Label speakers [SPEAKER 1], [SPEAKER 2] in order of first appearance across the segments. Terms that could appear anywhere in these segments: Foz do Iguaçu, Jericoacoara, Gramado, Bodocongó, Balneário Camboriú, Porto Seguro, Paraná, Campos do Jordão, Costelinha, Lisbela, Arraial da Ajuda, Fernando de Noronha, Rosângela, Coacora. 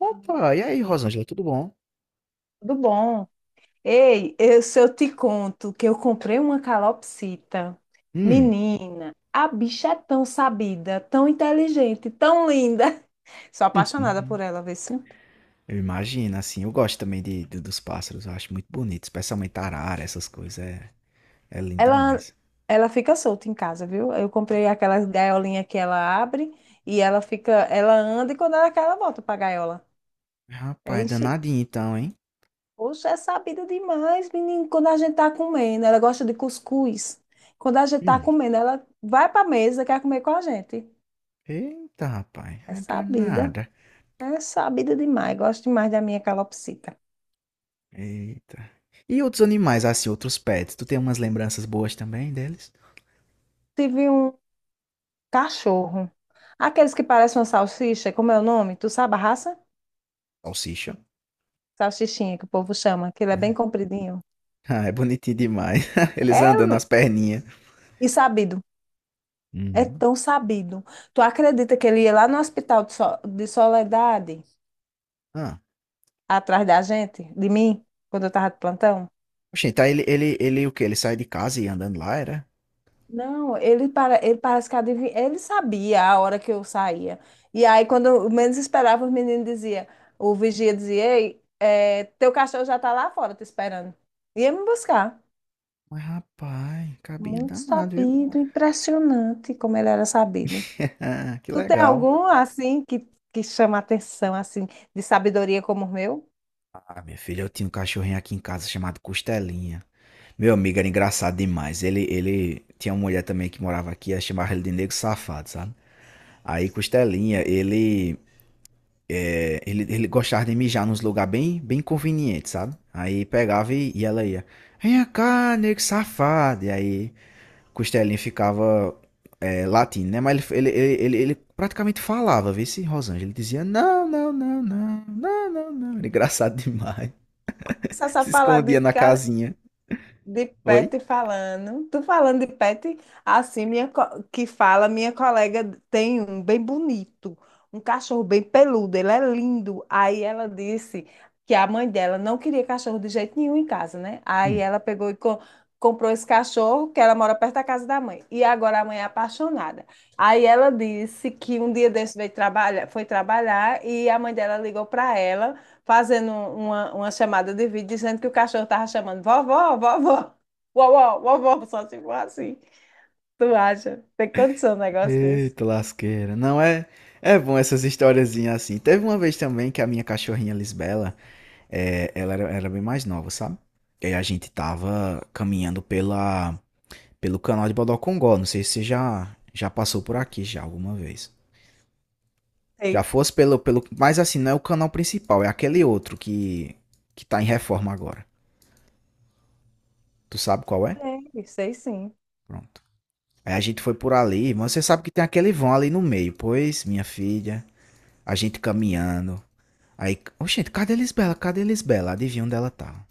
[SPEAKER 1] Opa, e aí, Rosângela, tudo bom?
[SPEAKER 2] Tudo bom? Ei, se eu te conto que eu comprei uma calopsita,
[SPEAKER 1] Hum.
[SPEAKER 2] menina? A bicha é tão sabida, tão inteligente, tão linda. Sou apaixonada por ela, vê se.
[SPEAKER 1] Eu imagino, assim, eu gosto também dos pássaros, eu acho muito bonito, especialmente arara, essas coisas, é lindo
[SPEAKER 2] Ela,
[SPEAKER 1] demais.
[SPEAKER 2] ela fica solta em casa, viu? Eu comprei aquelas gaiolinhas que ela abre e ela fica, ela anda e quando ela quer, ela volta pra gaiola.
[SPEAKER 1] Rapaz, é
[SPEAKER 2] Enche.
[SPEAKER 1] danadinho então, hein?
[SPEAKER 2] Poxa, é sabida demais, menino. Quando a gente tá comendo, ela gosta de cuscuz. Quando a gente tá
[SPEAKER 1] Hum.
[SPEAKER 2] comendo, ela vai pra mesa, quer comer com a gente.
[SPEAKER 1] Eita, rapaz,
[SPEAKER 2] É
[SPEAKER 1] é
[SPEAKER 2] sabida.
[SPEAKER 1] danada.
[SPEAKER 2] É sabida demais. Gosto demais da minha calopsita.
[SPEAKER 1] Eita. E outros animais, assim, outros pets, tu tem umas lembranças boas também deles?
[SPEAKER 2] Tive um cachorro. Aqueles que parecem uma salsicha, como é o nome? Tu sabe a raça?
[SPEAKER 1] Salsicha.
[SPEAKER 2] Salsichinha, que o povo chama, que ele é bem compridinho.
[SPEAKER 1] Ah, é bonitinho demais. Eles
[SPEAKER 2] É,
[SPEAKER 1] andando nas
[SPEAKER 2] Luiz,
[SPEAKER 1] perninhas.
[SPEAKER 2] e sabido. É
[SPEAKER 1] Uhum.
[SPEAKER 2] tão sabido. Tu acredita que ele ia lá no hospital de Soledade,
[SPEAKER 1] Ah.
[SPEAKER 2] atrás da gente, de mim, quando eu tava de plantão?
[SPEAKER 1] Oxente, tá, ele o quê? Ele sai de casa e ia andando lá, era?
[SPEAKER 2] Não, ele, para, ele parece que adivinha, ele sabia a hora que eu saía. E aí, quando eu menos esperava, os meninos diziam, o vigia dizia: Ei, é, teu cachorro já tá lá fora te esperando. Ia me buscar.
[SPEAKER 1] Mas rapaz, cabinho
[SPEAKER 2] Muito
[SPEAKER 1] danado, viu?
[SPEAKER 2] sabido, impressionante como ele era sabido.
[SPEAKER 1] Que
[SPEAKER 2] Tu tem
[SPEAKER 1] legal.
[SPEAKER 2] algum, assim, que chama atenção, assim, de sabedoria como o meu?
[SPEAKER 1] Ah, minha filha, eu tinha um cachorrinho aqui em casa chamado Costelinha. Meu amigo era engraçado demais. Ele tinha uma mulher também que morava aqui, ela chamava ele de negro safado, sabe? Aí Costelinha, ele gostava de mijar nos lugares bem convenientes, sabe? Aí pegava e ela ia, vem cá, negro safado. E aí Costelinha ficava latindo, né? Mas praticamente falava, vê se Rosângela. Ele dizia não, não, não, não, não, não, não. Era engraçado demais. Ele
[SPEAKER 2] Só
[SPEAKER 1] se
[SPEAKER 2] sabe falar
[SPEAKER 1] escondia
[SPEAKER 2] de,
[SPEAKER 1] na
[SPEAKER 2] ca-
[SPEAKER 1] casinha.
[SPEAKER 2] De
[SPEAKER 1] Oi?
[SPEAKER 2] pet falando. Tu falando de pet, assim, que fala, minha colega tem um bem bonito, um cachorro bem peludo, ele é lindo. Aí ela disse que a mãe dela não queria cachorro de jeito nenhum em casa, né? Aí
[SPEAKER 1] Hum.
[SPEAKER 2] ela pegou e comprou esse cachorro, que ela mora perto da casa da mãe. E agora a mãe é apaixonada. Aí ela disse que um dia desse veio trabalhar, foi trabalhar e a mãe dela ligou para ela fazendo uma chamada de vídeo dizendo que o cachorro tava chamando vovó, vovó, vovó, vovó, só se for assim. Tu acha? Tem condição um negócio desse?
[SPEAKER 1] Eita lasqueira. Não é. É bom essas historiazinhas assim. Teve uma vez também que a minha cachorrinha Lisbela, ela era bem mais nova, sabe? E aí a gente tava caminhando pelo canal de Bodocongó. Não sei se você já passou por aqui já alguma vez. Já
[SPEAKER 2] Sei.
[SPEAKER 1] fosse pelo. Mas assim, não é o canal principal, é aquele que tá em reforma agora. Tu sabe qual é?
[SPEAKER 2] Sei, sei sim.
[SPEAKER 1] Pronto. Aí a gente foi por ali, mas você sabe que tem aquele vão ali no meio. Pois, minha filha, a gente caminhando. Aí, ô gente, cadê a Lisbela? Cadê a Lisbela? Adivinha onde ela tá?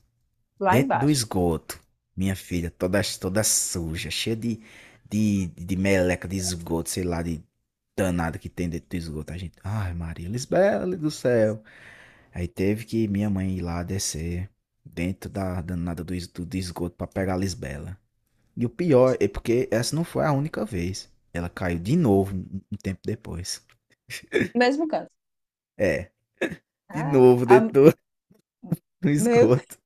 [SPEAKER 2] Lá
[SPEAKER 1] Dentro do
[SPEAKER 2] embaixo.
[SPEAKER 1] esgoto. Minha filha, toda suja, de meleca, de esgoto, sei lá, de danada que tem dentro do esgoto. A gente, ai Maria, Lisbela do céu. Aí teve que minha mãe ir lá descer dentro da danada do esgoto pra pegar a Lisbela. E o pior é porque essa não foi a única vez. Ela caiu de novo um tempo depois.
[SPEAKER 2] Mesmo canto.
[SPEAKER 1] É, de
[SPEAKER 2] Ah,
[SPEAKER 1] novo
[SPEAKER 2] a-
[SPEAKER 1] dentro do, do
[SPEAKER 2] meu
[SPEAKER 1] esgoto.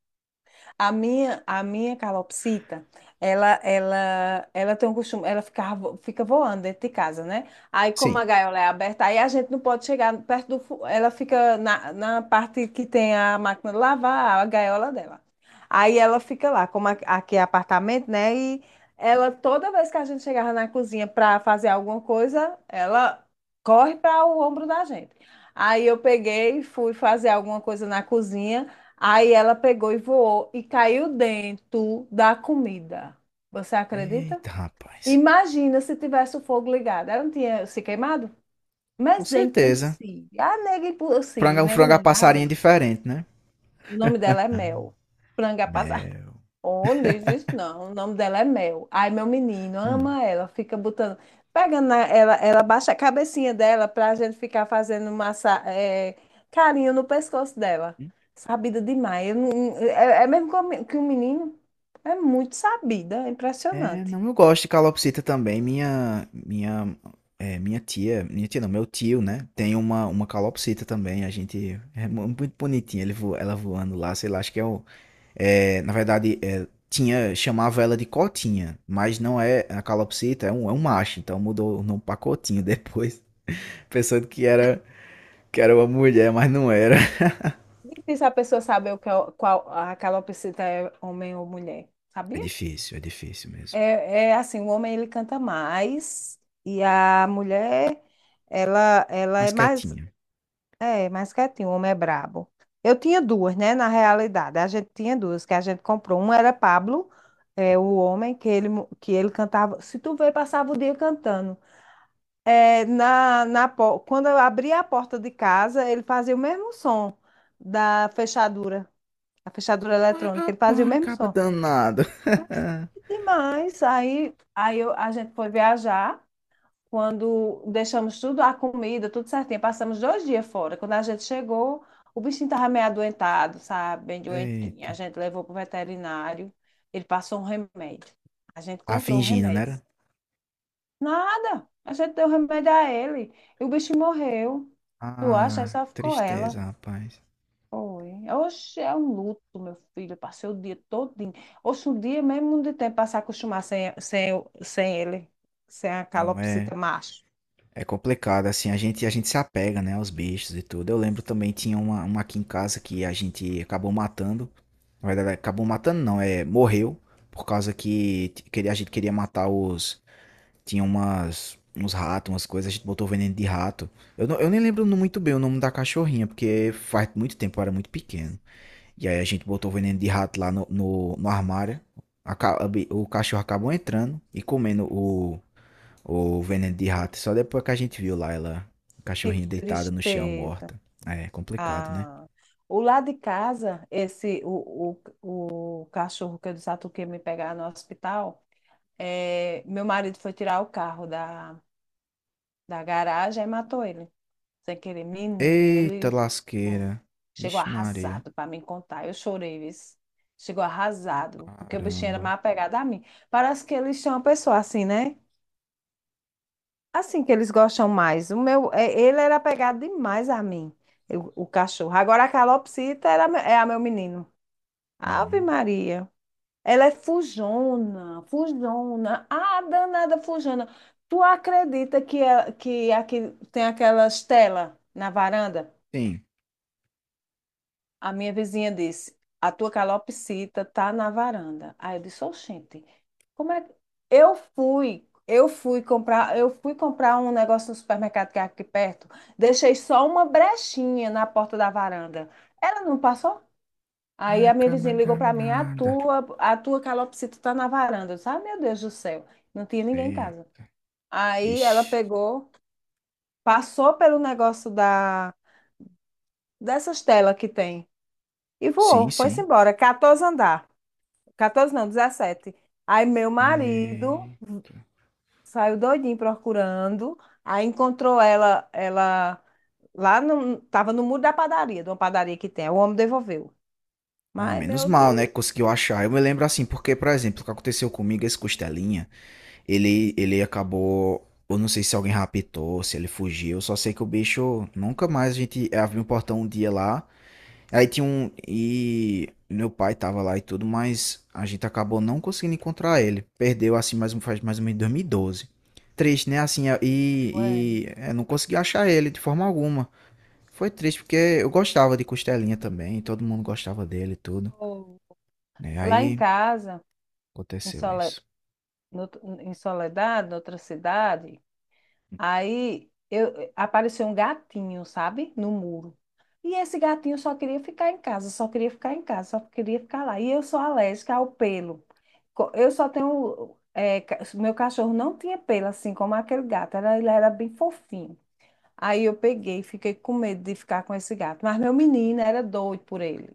[SPEAKER 2] A minha calopsita, ela tem um costume, ela fica, fica voando dentro de casa, né? Aí, como a
[SPEAKER 1] Sim.
[SPEAKER 2] gaiola é aberta, aí a gente não pode chegar perto do. Ela fica na parte que tem a máquina de lavar, a gaiola dela. Aí ela fica lá, aqui é apartamento, né? E ela, toda vez que a gente chegava na cozinha para fazer alguma coisa, ela corre para o ombro da gente. Aí eu peguei e fui fazer alguma coisa na cozinha. Aí ela pegou e voou e caiu dentro da comida. Você acredita?
[SPEAKER 1] Eita, rapaz.
[SPEAKER 2] Imagina se tivesse o fogo ligado. Ela não tinha se queimado?
[SPEAKER 1] Com
[SPEAKER 2] Mas é
[SPEAKER 1] certeza.
[SPEAKER 2] impossível. A nega é
[SPEAKER 1] Frango é
[SPEAKER 2] impossível.
[SPEAKER 1] um
[SPEAKER 2] Nega
[SPEAKER 1] frango a
[SPEAKER 2] não,
[SPEAKER 1] passarinho
[SPEAKER 2] galega.
[SPEAKER 1] diferente, né?
[SPEAKER 2] O nome dela é Mel. Franga.
[SPEAKER 1] Mel.
[SPEAKER 2] Oh, não diz isso não. O nome dela é Mel. Ai, meu menino
[SPEAKER 1] Hum.
[SPEAKER 2] ama ela, fica botando. Ela, ela baixa a cabecinha dela pra gente ficar fazendo massa, é, carinho no pescoço dela.
[SPEAKER 1] Hum.
[SPEAKER 2] Sabida demais. Eu não- é, é mesmo que que o menino é muito sabida, é
[SPEAKER 1] É,
[SPEAKER 2] impressionante.
[SPEAKER 1] não, eu gosto de calopsita também. Minha tia não, meu tio, né? Tem uma calopsita também. A gente é muito bonitinha. Ele vo, ela voando lá, sei lá. Acho que na verdade, tinha chamava ela de cotinha, mas não é a calopsita, é um macho. Então mudou o nome pra cotinho depois, pensando que era uma mulher, mas não era.
[SPEAKER 2] Difícil a pessoa saber o que é, qual a calopsita é homem ou mulher, sabia?
[SPEAKER 1] É difícil mesmo.
[SPEAKER 2] É, é assim, o homem ele canta mais e a mulher ela, ela
[SPEAKER 1] Mas
[SPEAKER 2] é mais.
[SPEAKER 1] quietinha.
[SPEAKER 2] É, mais quietinho, o homem é brabo. Eu tinha duas, né? Na realidade, a gente tinha duas que a gente comprou. Um era Pablo, é, o homem, que ele, que ele cantava. Se tu vê, passava o dia cantando. É, quando eu abria a porta de casa, ele fazia o mesmo som da fechadura, a fechadura
[SPEAKER 1] Mas
[SPEAKER 2] eletrônica. Ele fazia o
[SPEAKER 1] rapaz,
[SPEAKER 2] mesmo
[SPEAKER 1] acaba
[SPEAKER 2] som.
[SPEAKER 1] danado.
[SPEAKER 2] Demais. A gente foi viajar. Quando deixamos tudo, a comida, tudo certinho, passamos 2 dias fora. Quando a gente chegou, o bichinho estava meio adoentado, sabe? Bem doentinho. A
[SPEAKER 1] Eita.
[SPEAKER 2] gente levou para o veterinário, ele passou um remédio. A gente
[SPEAKER 1] Tá
[SPEAKER 2] comprou o
[SPEAKER 1] fingindo,
[SPEAKER 2] remédio.
[SPEAKER 1] né?
[SPEAKER 2] Nada! A gente deu remédio a ele. E o bicho morreu. Tu acha? Aí
[SPEAKER 1] Ah,
[SPEAKER 2] só ficou
[SPEAKER 1] tristeza,
[SPEAKER 2] ela.
[SPEAKER 1] rapaz.
[SPEAKER 2] Foi. Oxe, é um luto, meu filho. Eu passei o dia todinho. Oxe, um dia mesmo de tempo para se acostumar sem ele, sem a
[SPEAKER 1] Não, é,
[SPEAKER 2] calopsita macho.
[SPEAKER 1] é complicado, assim, a gente se apega, né, aos bichos e tudo. Eu lembro também, tinha uma aqui em casa que a gente acabou matando. Na verdade, acabou matando não, é, morreu, por causa que queria, a gente queria matar os... Tinha umas, uns ratos, umas coisas, a gente botou veneno de rato. Eu nem lembro muito bem o nome da cachorrinha, porque faz muito tempo, eu era muito pequeno. E aí a gente botou o veneno de rato lá no armário. Aca- o cachorro acabou entrando e comendo o veneno de rato. Só depois que a gente viu lá ela, o
[SPEAKER 2] Que
[SPEAKER 1] cachorrinho deitada no chão,
[SPEAKER 2] tristeza.
[SPEAKER 1] morta. É complicado, né?
[SPEAKER 2] Ah, o lado de casa, esse o cachorro que eu disse a tu que ia me pegar no hospital, é, meu marido foi tirar o carro da garagem e matou ele, sem querer. Menino,
[SPEAKER 1] Eita
[SPEAKER 2] ele foi.
[SPEAKER 1] lasqueira.
[SPEAKER 2] Chegou
[SPEAKER 1] Vixe Maria.
[SPEAKER 2] arrasado para me contar. Eu chorei, viu? Chegou arrasado, porque o bichinho era
[SPEAKER 1] Caramba.
[SPEAKER 2] mais apegado a mim. Parece que eles são uma pessoa assim, né? Assim que eles gostam mais. O meu, é, ele era apegado demais a mim, o cachorro. Agora a calopsita era, é a meu menino. Ave
[SPEAKER 1] Hum.
[SPEAKER 2] Maria. Ela é fujona, fujona. Ah, danada fujona. Tu acredita que aqui tem aquelas telas na varanda?
[SPEAKER 1] Sim.
[SPEAKER 2] A minha vizinha disse: A tua calopsita tá na varanda. Aí eu disse: Oxente, como é que. Eu fui comprar um negócio no supermercado que é aqui perto. Deixei só uma brechinha na porta da varanda. Ela não passou? Aí
[SPEAKER 1] Ai,
[SPEAKER 2] a minha
[SPEAKER 1] cama
[SPEAKER 2] vizinha ligou para mim: A
[SPEAKER 1] danada.
[SPEAKER 2] tua, a tua calopsita tá na varanda. Eu disse: Ah, meu Deus do céu. Não tinha ninguém em
[SPEAKER 1] É.
[SPEAKER 2] casa. Aí ela
[SPEAKER 1] Vixe.
[SPEAKER 2] pegou, passou pelo negócio dessas telas que tem e voou,
[SPEAKER 1] Sim,
[SPEAKER 2] foi-se
[SPEAKER 1] sim.
[SPEAKER 2] embora, 14 andar. 14 não, 17. Aí meu marido
[SPEAKER 1] É.
[SPEAKER 2] saiu doidinho procurando, aí encontrou ela, ela lá no, tava no muro da padaria, de uma padaria que tem. O homem devolveu.
[SPEAKER 1] Ah,
[SPEAKER 2] Mas,
[SPEAKER 1] menos
[SPEAKER 2] meu
[SPEAKER 1] mal,
[SPEAKER 2] Deus,
[SPEAKER 1] né, que conseguiu achar. Eu me lembro assim, porque, por exemplo, o que aconteceu comigo, esse costelinha. Ele acabou. Eu não sei se alguém raptou, se ele fugiu. Eu Só sei que o bicho. Nunca mais a gente abriu um portão um dia lá. Aí tinha um. E meu pai tava lá e tudo, mas a gente acabou não conseguindo encontrar ele. Perdeu assim mais um, faz mais ou menos em 2012. Triste, né? Assim,
[SPEAKER 2] ué,
[SPEAKER 1] não consegui achar ele de forma alguma. Foi triste porque eu gostava de Costelinha também, todo mundo gostava dele e tudo.
[SPEAKER 2] pô.
[SPEAKER 1] Né?
[SPEAKER 2] Lá em
[SPEAKER 1] Aí
[SPEAKER 2] casa, em
[SPEAKER 1] aconteceu
[SPEAKER 2] Sole-
[SPEAKER 1] isso.
[SPEAKER 2] no- em Soledade, noutra cidade. Aí eu, apareceu um gatinho, sabe? No muro. E esse gatinho só queria ficar em casa, só queria ficar em casa, só queria ficar lá. E eu sou alérgica ao pelo. Eu só tenho. Meu cachorro não tinha pelo, assim como aquele gato. Era, ele era bem fofinho. Aí eu peguei, fiquei com medo de ficar com esse gato. Mas meu menino era doido por ele,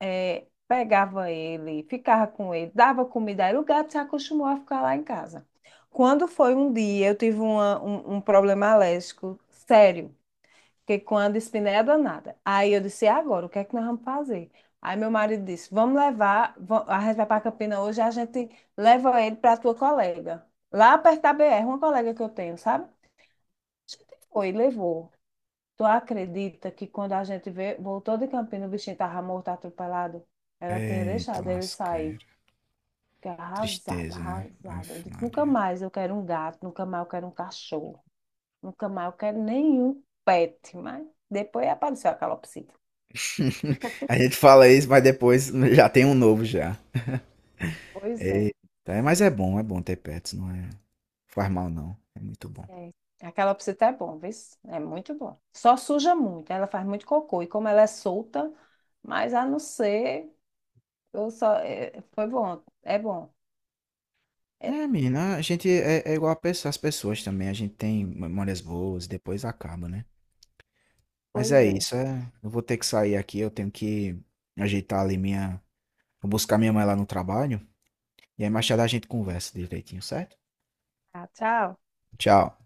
[SPEAKER 2] é, pegava ele, ficava com ele, dava comida a ele, o gato se acostumou a ficar lá em casa. Quando foi um dia, eu tive um problema alérgico sério, porque com a dispneia danada. Aí eu disse, "E agora, o que é que nós vamos fazer? Aí meu marido disse, vamos levar, a gente vai para Campina hoje, a gente leva ele para tua colega. Lá perto da BR, uma colega que eu tenho, sabe? A gente foi, levou. Tu acredita que quando a gente vê, voltou de Campinas, o bichinho tava morto, atropelado? Ela tinha
[SPEAKER 1] Eita,
[SPEAKER 2] deixado ele
[SPEAKER 1] lasquei.
[SPEAKER 2] sair. Fiquei arrasada,
[SPEAKER 1] Tristeza, né?
[SPEAKER 2] arrasada. Eu
[SPEAKER 1] Aff,
[SPEAKER 2] disse, nunca
[SPEAKER 1] Maria.
[SPEAKER 2] mais eu quero um gato, nunca mais eu quero um cachorro, nunca mais eu quero nenhum pet. Mas depois apareceu a calopsita.
[SPEAKER 1] A gente fala isso, mas depois já tem um novo já.
[SPEAKER 2] Pois é.
[SPEAKER 1] Eita, é, mas é bom ter pets, não é? Faz mal não, é muito bom.
[SPEAKER 2] É. A calopsita é bom, viu? É muito bom. Só suja muito, ela faz muito cocô. E como ela é solta, mas a não ser, eu só, é, foi bom. É,
[SPEAKER 1] É, menina, a gente é igual a as pessoas também, a gente tem memórias boas, depois acaba, né? Mas
[SPEAKER 2] pois
[SPEAKER 1] é
[SPEAKER 2] é.
[SPEAKER 1] isso, é, eu vou ter que sair aqui, eu tenho que ajeitar ali minha, vou buscar minha mãe lá no trabalho, e aí mais tarde a gente conversa direitinho, certo?
[SPEAKER 2] Tá, tchau.
[SPEAKER 1] Tchau.